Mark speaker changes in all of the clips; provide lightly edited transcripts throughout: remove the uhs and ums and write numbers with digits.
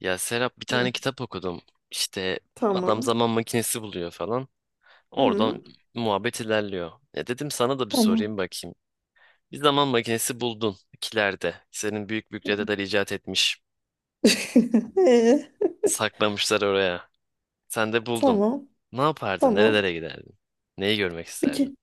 Speaker 1: Ya Serap bir
Speaker 2: Hı,
Speaker 1: tane kitap okudum. İşte adam
Speaker 2: tamam.
Speaker 1: zaman makinesi buluyor falan. Oradan
Speaker 2: Hı,
Speaker 1: muhabbet ilerliyor. E dedim sana da bir sorayım
Speaker 2: tamam.
Speaker 1: bakayım. Bir zaman makinesi buldun kilerde. Senin büyük büyük
Speaker 2: Hı.
Speaker 1: dedeler icat etmiş.
Speaker 2: Ee,
Speaker 1: Saklamışlar oraya. Sen de buldun.
Speaker 2: tamam.
Speaker 1: Ne yapardın?
Speaker 2: Tamam.
Speaker 1: Nerelere giderdin? Neyi görmek
Speaker 2: Bir
Speaker 1: isterdin?
Speaker 2: ke-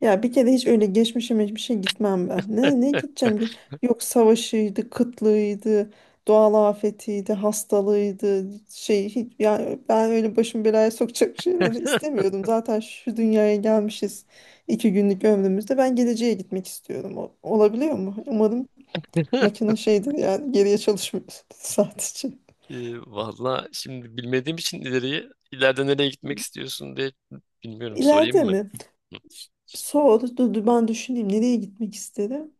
Speaker 2: Ya bir kere hiç öyle geçmişime hiçbir şey gitmem ben. Ne gideceğim ki? Yok, savaşıydı, kıtlığıydı, doğal afetiydi, hastalığıydı. Şey, hiç ya ben öyle başımı belaya sokacak şeyler de istemiyordum. Zaten şu dünyaya gelmişiz iki günlük ömrümüzde. Ben geleceğe gitmek istiyorum. Olabiliyor mu? Umarım makine şeydir yani, geriye çalışmıyor sadece.
Speaker 1: Valla şimdi bilmediğim için ileriyi. İleride nereye gitmek istiyorsun diye bilmiyorum. Sorayım
Speaker 2: İleride
Speaker 1: mı?
Speaker 2: mi?
Speaker 1: Hı.
Speaker 2: Soğudu. Dur, dur, ben düşüneyim. Nereye gitmek isterim?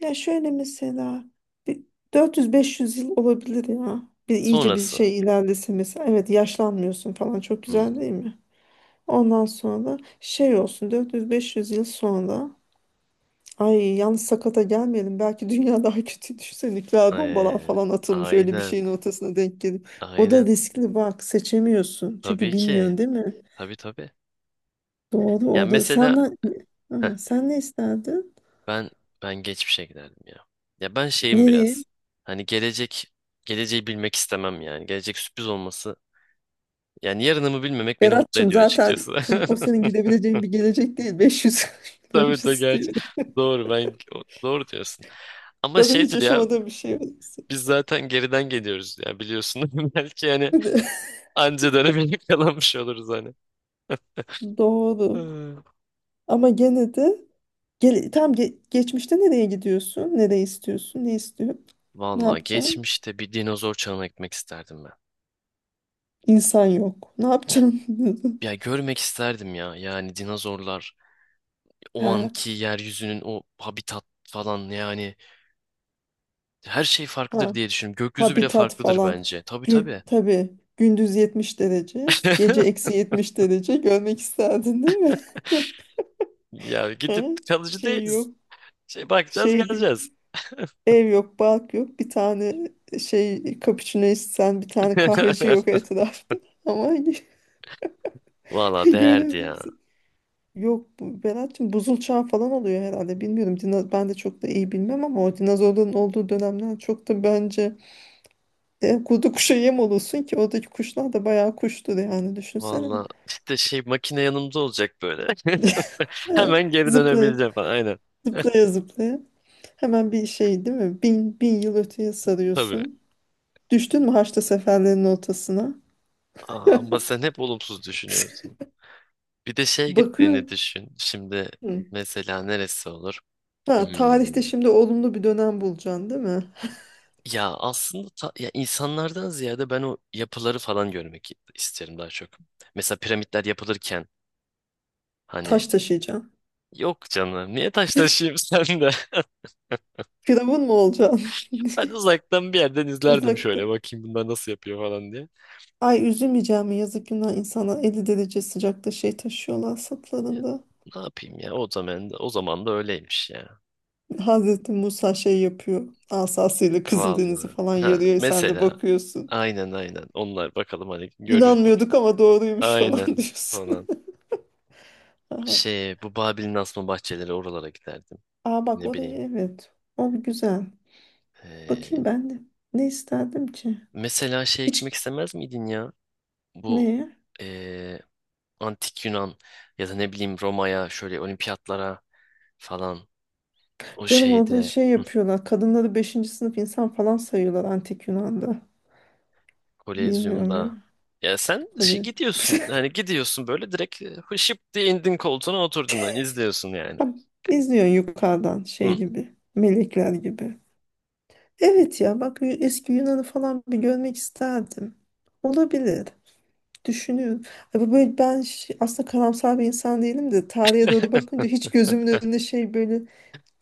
Speaker 2: Ya şöyle mesela, bir 400-500 yıl olabilir ya. Bir iyice bir
Speaker 1: Sonrası.
Speaker 2: şey ilerlese mesela. Evet, yaşlanmıyorsun falan. Çok güzel
Speaker 1: Hmm.
Speaker 2: değil mi? Ondan sonra şey olsun, 400-500 yıl sonra ay, yalnız sakata gelmeyelim. Belki dünya daha kötü düşse, nükleer bombalar
Speaker 1: Ee,
Speaker 2: falan atılmış. Öyle bir
Speaker 1: aynen.
Speaker 2: şeyin ortasına denk gelip. O da
Speaker 1: Aynen.
Speaker 2: riskli bak, seçemiyorsun. Çünkü
Speaker 1: Tabii ki.
Speaker 2: bilmiyorsun değil mi?
Speaker 1: Tabii tabii.
Speaker 2: Doğru,
Speaker 1: Yani
Speaker 2: o da. Sen,
Speaker 1: mesela
Speaker 2: ne-
Speaker 1: heh,
Speaker 2: Aha, sen ne isterdin?
Speaker 1: ben ben geçmişe giderdim ya. Ya ben şeyim
Speaker 2: Nereye?
Speaker 1: biraz. Hani geleceği bilmek istemem yani. Gelecek sürpriz olması. Yani yarınımı bilmemek beni mutlu
Speaker 2: Berat'cığım
Speaker 1: ediyor
Speaker 2: zaten
Speaker 1: açıkçası.
Speaker 2: tüm o senin gidebileceğin bir gelecek değil. 500 yıl
Speaker 1: Tabii tabii
Speaker 2: öncesi
Speaker 1: gerçi.
Speaker 2: değil.
Speaker 1: Doğru ben doğru diyorsun. Ama
Speaker 2: Zaten hiç
Speaker 1: şeydir ya
Speaker 2: yaşamadığım bir şey orası.
Speaker 1: biz zaten geriden geliyoruz ya biliyorsun. Belki yani anca dönemeyi kalanmış oluruz hani.
Speaker 2: Doğru.
Speaker 1: Hı.
Speaker 2: Ama gene de geçmişte nereye gidiyorsun? Nereye istiyorsun? Ne istiyorsun? Ne
Speaker 1: Vallahi
Speaker 2: yapacaksın?
Speaker 1: geçmişte bir dinozor çağına gitmek isterdim.
Speaker 2: İnsan yok. Ne yapacaksın?
Speaker 1: Ya görmek isterdim ya. Yani dinozorlar, o
Speaker 2: Ha,
Speaker 1: anki yeryüzünün o habitat falan yani her şey farklıdır
Speaker 2: ha,
Speaker 1: diye düşünüyorum. Gökyüzü bile
Speaker 2: habitat
Speaker 1: farklıdır
Speaker 2: falan.
Speaker 1: bence. Tabii tabii.
Speaker 2: Tabii, gündüz 70 derece, gece eksi 70 derece görmek isterdin değil mi?
Speaker 1: Ya gidip
Speaker 2: Ha,
Speaker 1: kalıcı
Speaker 2: şey
Speaker 1: değiliz.
Speaker 2: yok.
Speaker 1: Şey bakacağız
Speaker 2: Şey değil.
Speaker 1: geleceğiz.
Speaker 2: Ev yok, balk yok. Bir tane şey, cappuccino içsen bir tane kahveci yok etrafta. Ama
Speaker 1: Valla değerdi
Speaker 2: görürdüm.
Speaker 1: ya.
Speaker 2: Yok bu Berat'cığım buzul çağı falan oluyor herhalde. Bilmiyorum. Ben de çok da iyi bilmem, ama o dinozorların olduğu dönemden çok da bence kurdu kuşa yem olursun ki oradaki kuşlar da bayağı kuştur yani, düşünsene.
Speaker 1: Valla işte şey makine yanımda olacak böyle.
Speaker 2: Evet,
Speaker 1: Hemen geri
Speaker 2: zıplaya
Speaker 1: dönebileceğim falan. Aynen.
Speaker 2: zıplaya zıplaya hemen bir şey değil mi? Bin yıl öteye
Speaker 1: Tabii.
Speaker 2: sarıyorsun. Düştün mü Haçlı seferlerin ortasına?
Speaker 1: Aa, ama sen hep olumsuz düşünüyorsun. Bir de şey
Speaker 2: Bakıyor.
Speaker 1: gittiğini düşün. Şimdi
Speaker 2: Hı.
Speaker 1: mesela neresi olur?
Speaker 2: Ha, tarihte
Speaker 1: Hmm.
Speaker 2: şimdi olumlu bir dönem bulacaksın değil mi?
Speaker 1: Ya aslında ya insanlardan ziyade ben o yapıları falan görmek isterim daha çok. Mesela piramitler yapılırken hani
Speaker 2: Taş taşıyacaksın.
Speaker 1: yok canım niye taş taşıyayım sen de.
Speaker 2: Firavun mu olacaksın?
Speaker 1: Ben uzaktan bir yerden izlerdim
Speaker 2: Uzakta.
Speaker 1: şöyle bakayım bunlar nasıl yapıyor falan diye.
Speaker 2: Ay üzülmeyeceğim mi? Yazık günah insana, 50 derece sıcakta şey taşıyorlar
Speaker 1: Ya,
Speaker 2: sırtlarında.
Speaker 1: ne yapayım ya o zaman da, o zaman da öyleymiş ya.
Speaker 2: Hazreti Musa şey yapıyor. Asasıyla Kızıldeniz'i
Speaker 1: Vallahi.
Speaker 2: falan
Speaker 1: Ha,
Speaker 2: yarıyor. Sen de
Speaker 1: mesela
Speaker 2: bakıyorsun.
Speaker 1: aynen aynen onlar bakalım hani görür.
Speaker 2: İnanmıyorduk ama doğruymuş falan
Speaker 1: Aynen
Speaker 2: diyorsun.
Speaker 1: falan.
Speaker 2: Aha.
Speaker 1: Şey bu Babil'in asma bahçeleri oralara giderdim.
Speaker 2: Aa bak
Speaker 1: Ne
Speaker 2: orayı,
Speaker 1: bileyim.
Speaker 2: evet. O güzel. Bakayım ben de. Ne isterdim ki?
Speaker 1: Mesela şeye
Speaker 2: Hiç,
Speaker 1: gitmek istemez miydin ya? Bu
Speaker 2: ne?
Speaker 1: eee, antik Yunan ya da ne bileyim Roma'ya şöyle olimpiyatlara falan o
Speaker 2: Canım orada
Speaker 1: şeyde
Speaker 2: şey
Speaker 1: hı,
Speaker 2: yapıyorlar. Kadınları beşinci sınıf insan falan sayıyorlar antik Yunan'da. Bilmiyorum ya.
Speaker 1: Kolezyum'da. Ya sen
Speaker 2: Kolye.
Speaker 1: gidiyorsun hani gidiyorsun böyle direkt hışıp diye indin koltuğuna oturdun hani izliyorsun yani.
Speaker 2: Tam İzliyorsun yukarıdan
Speaker 1: Hı.
Speaker 2: şey gibi. Melekler gibi. Evet ya bak, eski Yunan'ı falan bir görmek isterdim. Olabilir. Düşünüyorum. Ya bu böyle ben aslında karamsar bir insan değilim de tarihe doğru bakınca hiç gözümün
Speaker 1: Heh.
Speaker 2: önüne şey, böyle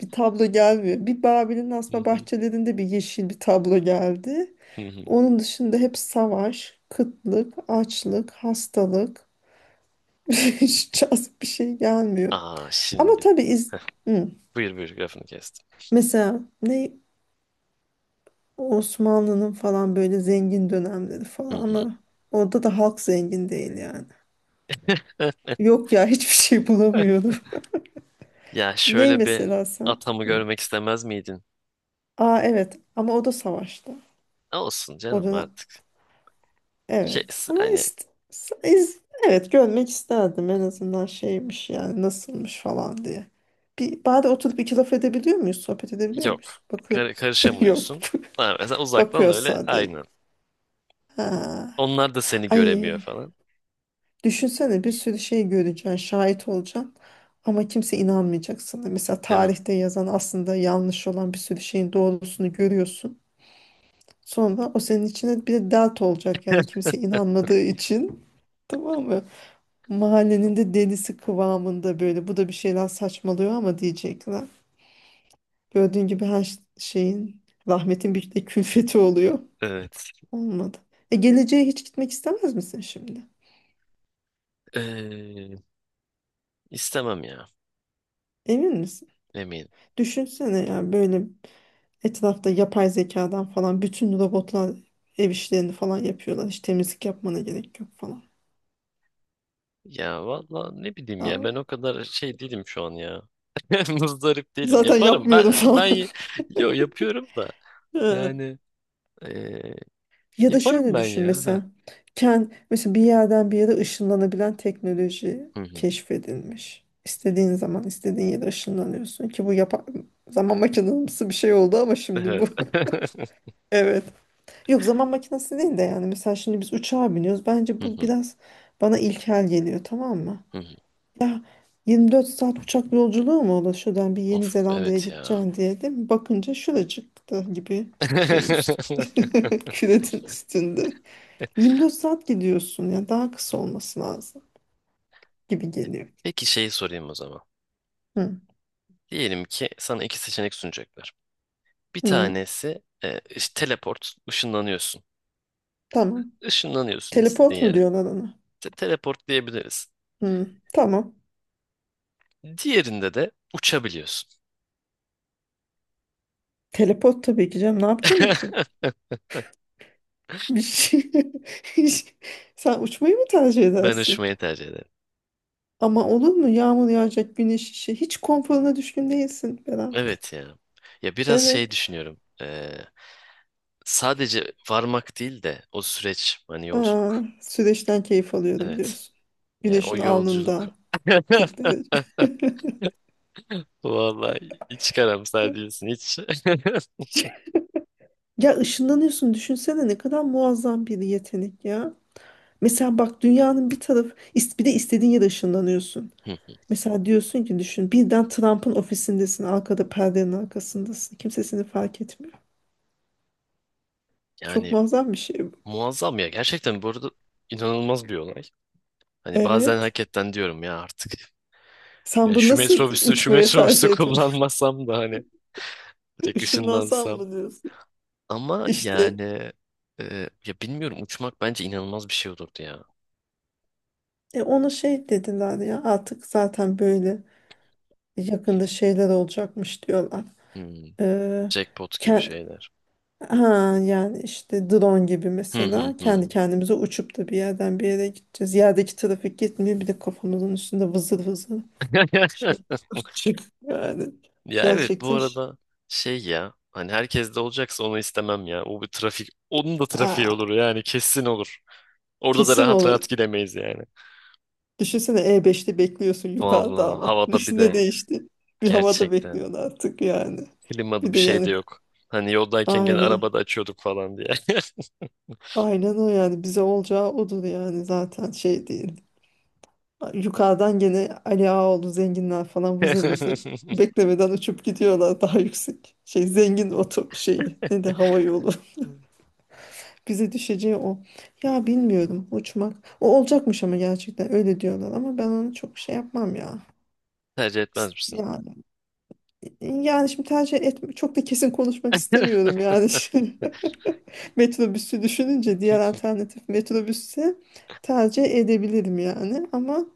Speaker 2: bir tablo gelmiyor. Bir Babil'in
Speaker 1: Hı
Speaker 2: asma
Speaker 1: hı,
Speaker 2: bahçelerinde bir yeşil bir tablo geldi.
Speaker 1: hı hı.
Speaker 2: Onun dışında hep savaş, kıtlık, açlık, hastalık. Hiç cazip bir şey gelmiyor.
Speaker 1: Aa
Speaker 2: Ama
Speaker 1: şimdi
Speaker 2: tabii, iz- Hı.
Speaker 1: buyur buyur lafını kestim.
Speaker 2: Mesela ne, Osmanlı'nın falan böyle zengin dönemleri falan,
Speaker 1: Hı hı.
Speaker 2: ama orada da halk zengin değil yani. Yok ya, hiçbir şey bulamıyorum.
Speaker 1: Ya
Speaker 2: Ney
Speaker 1: şöyle bir
Speaker 2: mesela sen?
Speaker 1: atamı
Speaker 2: Hı.
Speaker 1: görmek istemez miydin?
Speaker 2: Aa evet, ama o da savaşta.
Speaker 1: Olsun
Speaker 2: O
Speaker 1: canım
Speaker 2: dönem
Speaker 1: artık. Şey,
Speaker 2: evet ama
Speaker 1: hani
Speaker 2: evet, görmek isterdim en azından şeymiş yani, nasılmış falan diye. Bir bari oturup iki laf edebiliyor muyuz? Sohbet edebiliyor
Speaker 1: yok.
Speaker 2: muyuz? Bakıyor. Yok.
Speaker 1: Karışamıyorsun. Ha, mesela uzaktan
Speaker 2: Bakıyor
Speaker 1: öyle
Speaker 2: sadece.
Speaker 1: aynen.
Speaker 2: Ha.
Speaker 1: Onlar da seni göremiyor
Speaker 2: Ay,
Speaker 1: falan.
Speaker 2: düşünsene bir sürü şey göreceksin, şahit olacaksın ama kimse inanmayacak sana. Mesela
Speaker 1: Değil mi?
Speaker 2: tarihte yazan aslında yanlış olan bir sürü şeyin doğrusunu görüyorsun. Sonra o senin içine bir de dert olacak yani, kimse inanmadığı için. Tamam mı? Mahallenin de delisi kıvamında böyle. Bu da bir şeyler saçmalıyor ama diyecekler. Gördüğün gibi her şeyin, rahmetin bir de külfeti oluyor.
Speaker 1: Evet.
Speaker 2: Olmadı. E geleceğe hiç gitmek istemez misin şimdi?
Speaker 1: Ee, istemem ya.
Speaker 2: Emin misin?
Speaker 1: Eminim.
Speaker 2: Düşünsene ya, böyle etrafta yapay zekadan falan bütün robotlar ev işlerini falan yapıyorlar. Hiç temizlik yapmana gerek yok falan.
Speaker 1: Ya valla ne bileyim ya ben
Speaker 2: Aa,
Speaker 1: o kadar şey değilim şu an ya. Muzdarip değilim.
Speaker 2: zaten
Speaker 1: Yaparım
Speaker 2: yapmıyorum
Speaker 1: ben
Speaker 2: falan.
Speaker 1: ben yo yapıyorum da yani ee,
Speaker 2: Ya da
Speaker 1: yaparım
Speaker 2: şöyle
Speaker 1: ben
Speaker 2: düşün
Speaker 1: ya. Heh.
Speaker 2: mesela. Mesela bir yerden bir yere ışınlanabilen teknoloji
Speaker 1: Hı hı.
Speaker 2: keşfedilmiş. İstediğin zaman istediğin yere ışınlanıyorsun ki bu zaman makinesi bir şey oldu ama şimdi bu
Speaker 1: Evet.
Speaker 2: evet. Yok, zaman makinesi değil de yani mesela şimdi biz uçağa biniyoruz. Bence
Speaker 1: Hı
Speaker 2: bu
Speaker 1: hı.
Speaker 2: biraz bana ilkel geliyor, tamam mı?
Speaker 1: Hı hı.
Speaker 2: Ya, 24 saat uçak yolculuğu mu olur şuradan bir Yeni
Speaker 1: Of
Speaker 2: Zelanda'ya
Speaker 1: evet ya.
Speaker 2: gideceksin diye, değil mi? Bakınca şuracıkta gibi şeyin üstünde. Küretin üstünde. 24 saat gidiyorsun ya, daha kısa olması lazım gibi geliyor.
Speaker 1: Peki şeyi sorayım o zaman.
Speaker 2: Hı.
Speaker 1: Diyelim ki sana iki seçenek sunacaklar. Bir
Speaker 2: Hı.
Speaker 1: tanesi işte teleport, ışınlanıyorsun.
Speaker 2: Tamam.
Speaker 1: Işınlanıyorsun istediğin
Speaker 2: Teleport mu
Speaker 1: yere.
Speaker 2: diyorlar ona?
Speaker 1: Teleport diyebiliriz.
Speaker 2: Hı. Tamam.
Speaker 1: Diğerinde de uçabiliyorsun.
Speaker 2: Teleport tabii ki canım. Ne yapacağım uçup? Bir şey. Sen uçmayı mı tercih
Speaker 1: Ben
Speaker 2: edersin?
Speaker 1: uçmayı tercih ederim.
Speaker 2: Ama olur mu? Yağmur yağacak, güneş işi. Hiç konforuna düşkün değilsin Berat.
Speaker 1: Evet ya. Ya biraz
Speaker 2: Evet.
Speaker 1: şey düşünüyorum. Sadece varmak değil de o süreç, hani
Speaker 2: Aa,
Speaker 1: yolculuk.
Speaker 2: süreçten keyif alıyorum
Speaker 1: Evet.
Speaker 2: diyorsun.
Speaker 1: Yani o
Speaker 2: Güneşin
Speaker 1: yolculuk.
Speaker 2: alnında 40 derece.
Speaker 1: Vallahi hiç karamsar değilsin hiç.
Speaker 2: Ya, ışınlanıyorsun düşünsene ne kadar muazzam bir yetenek ya. Mesela bak, dünyanın bir tarafı bir de istediğin yere ışınlanıyorsun.
Speaker 1: Hı,
Speaker 2: Mesela diyorsun ki düşün, birden Trump'ın ofisindesin, arkada perdenin arkasındasın. Kimse seni fark etmiyor. Çok
Speaker 1: yani
Speaker 2: muazzam bir şey bu.
Speaker 1: muazzam ya. Gerçekten bu arada inanılmaz bir olay. Hani bazen
Speaker 2: Evet.
Speaker 1: hakikaten diyorum ya artık.
Speaker 2: Sen
Speaker 1: Ya
Speaker 2: bu
Speaker 1: şu
Speaker 2: nasıl
Speaker 1: metrobüsü şu
Speaker 2: uçmaya
Speaker 1: metrobüsü
Speaker 2: tercih etme?
Speaker 1: kullanmasam da hani direkt
Speaker 2: Işınlansam
Speaker 1: ışınlansam.
Speaker 2: mı diyorsun?
Speaker 1: Ama
Speaker 2: İşte
Speaker 1: yani ya bilmiyorum uçmak bence inanılmaz bir şey olurdu ya.
Speaker 2: ona şey dediler ya, artık zaten böyle yakında şeyler olacakmış diyorlar.
Speaker 1: Hmm,
Speaker 2: Ee,
Speaker 1: jackpot gibi
Speaker 2: ke-
Speaker 1: şeyler.
Speaker 2: Ha, yani işte drone gibi
Speaker 1: Hı hı
Speaker 2: mesela,
Speaker 1: hı
Speaker 2: kendi
Speaker 1: hı.
Speaker 2: kendimize uçup da bir yerden bir yere gideceğiz. Yerdeki trafik gitmiyor, bir de kafamızın üstünde vızır vızır şey çık yani
Speaker 1: Ya evet bu
Speaker 2: gerçekten,
Speaker 1: arada şey ya hani herkes de olacaksa onu istemem ya. O bir trafik onun da trafiği
Speaker 2: Aa,
Speaker 1: olur yani kesin olur. Orada da
Speaker 2: kesin
Speaker 1: rahat
Speaker 2: olur.
Speaker 1: rahat gidemeyiz yani.
Speaker 2: Düşünsene, e, beşte bekliyorsun yukarıda
Speaker 1: Vallahi
Speaker 2: ama
Speaker 1: havada bir
Speaker 2: ne
Speaker 1: de
Speaker 2: değişti? Bir havada
Speaker 1: gerçekten.
Speaker 2: bekliyorsun artık yani.
Speaker 1: Klimalı
Speaker 2: Bir
Speaker 1: bir
Speaker 2: de
Speaker 1: şey de
Speaker 2: yani
Speaker 1: yok. Hani yoldayken gene
Speaker 2: aynen
Speaker 1: arabada açıyorduk falan diye.
Speaker 2: aynen o yani, bize olacağı odur yani, zaten şey değil. Yukarıdan gene Ali Ağaoğlu zenginler falan vızır vızır beklemeden uçup gidiyorlar daha yüksek. Şey zengin oto şeyi, ne de hava yolu. Bize düşeceği o. Ya bilmiyorum, uçmak. O olacakmış ama gerçekten öyle diyorlar, ama ben onu çok şey yapmam ya.
Speaker 1: Tercih etmez misin?
Speaker 2: Yani, yani şimdi tercih etme çok da kesin konuşmak istemiyorum yani. Şimdi, metrobüsü düşününce diğer alternatif, metrobüsü tercih edebilirim yani, ama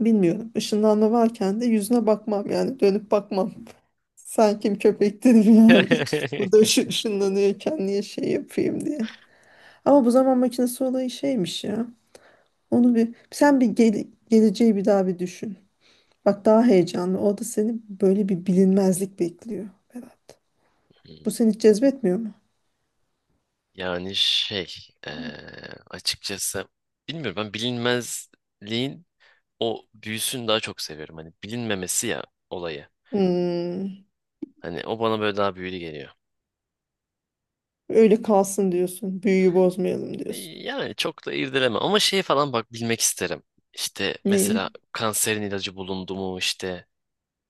Speaker 2: bilmiyorum. Işınlanma varken de yüzüne bakmam yani, dönüp bakmam. Sen kim köpek dedim yani. Bu da şu, ışınlanıyorken niye şey yapayım diye. Ama bu zaman makinesi olayı şeymiş ya. Onu bir, sen bir geleceği bir daha bir düşün. Bak daha heyecanlı. O da seni böyle bir bilinmezlik bekliyor Berat. Bu
Speaker 1: Hmm,
Speaker 2: seni hiç cezbetmiyor mu?
Speaker 1: yani şey eee, açıkçası bilmiyorum ben bilinmezliğin o büyüsünü daha çok seviyorum. Hani bilinmemesi ya olayı.
Speaker 2: Hmm,
Speaker 1: Hani o bana böyle daha büyülü geliyor.
Speaker 2: öyle kalsın diyorsun. Büyüyü bozmayalım diyorsun.
Speaker 1: Yani çok da irdeleme ama şey falan bak bilmek isterim. İşte
Speaker 2: Neyi?
Speaker 1: mesela kanserin ilacı bulundu mu işte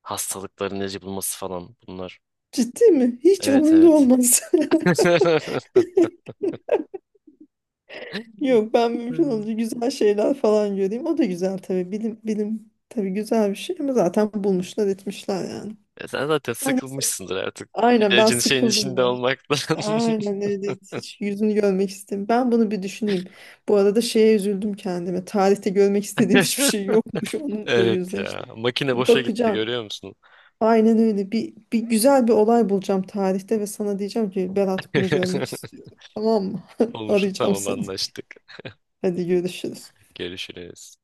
Speaker 1: hastalıkların ilacı bulması falan bunlar.
Speaker 2: Ciddi mi? Hiç
Speaker 1: Evet
Speaker 2: umurunda
Speaker 1: evet.
Speaker 2: olmaz. Yok, ben mümkün olunca güzel şeyler falan göreyim. O da güzel tabii. Bilim, bilim tabii güzel bir şey ama zaten bulmuşlar etmişler yani.
Speaker 1: E sen zaten
Speaker 2: Ay neyse.
Speaker 1: sıkılmışsındır artık.
Speaker 2: Aynen, ben
Speaker 1: İlacın şeyin
Speaker 2: sıkıldım
Speaker 1: içinde
Speaker 2: ya.
Speaker 1: olmaktan.
Speaker 2: Aynen öyle, hiç yüzünü görmek istemiyorum. Ben bunu bir düşüneyim. Bu arada şeye üzüldüm kendime. Tarihte görmek istediğim hiçbir şey yokmuş. Onunla
Speaker 1: Evet ya.
Speaker 2: yüzleştim.
Speaker 1: Makine
Speaker 2: Bir
Speaker 1: boşa gitti
Speaker 2: bakacağım.
Speaker 1: görüyor musun?
Speaker 2: Aynen öyle. Bir güzel bir olay bulacağım tarihte ve sana diyeceğim ki, Berat bunu görmek istiyorum. Tamam mı?
Speaker 1: Olur.
Speaker 2: Arayacağım
Speaker 1: Tamam
Speaker 2: seni.
Speaker 1: anlaştık.
Speaker 2: Hadi görüşürüz.
Speaker 1: Görüşürüz.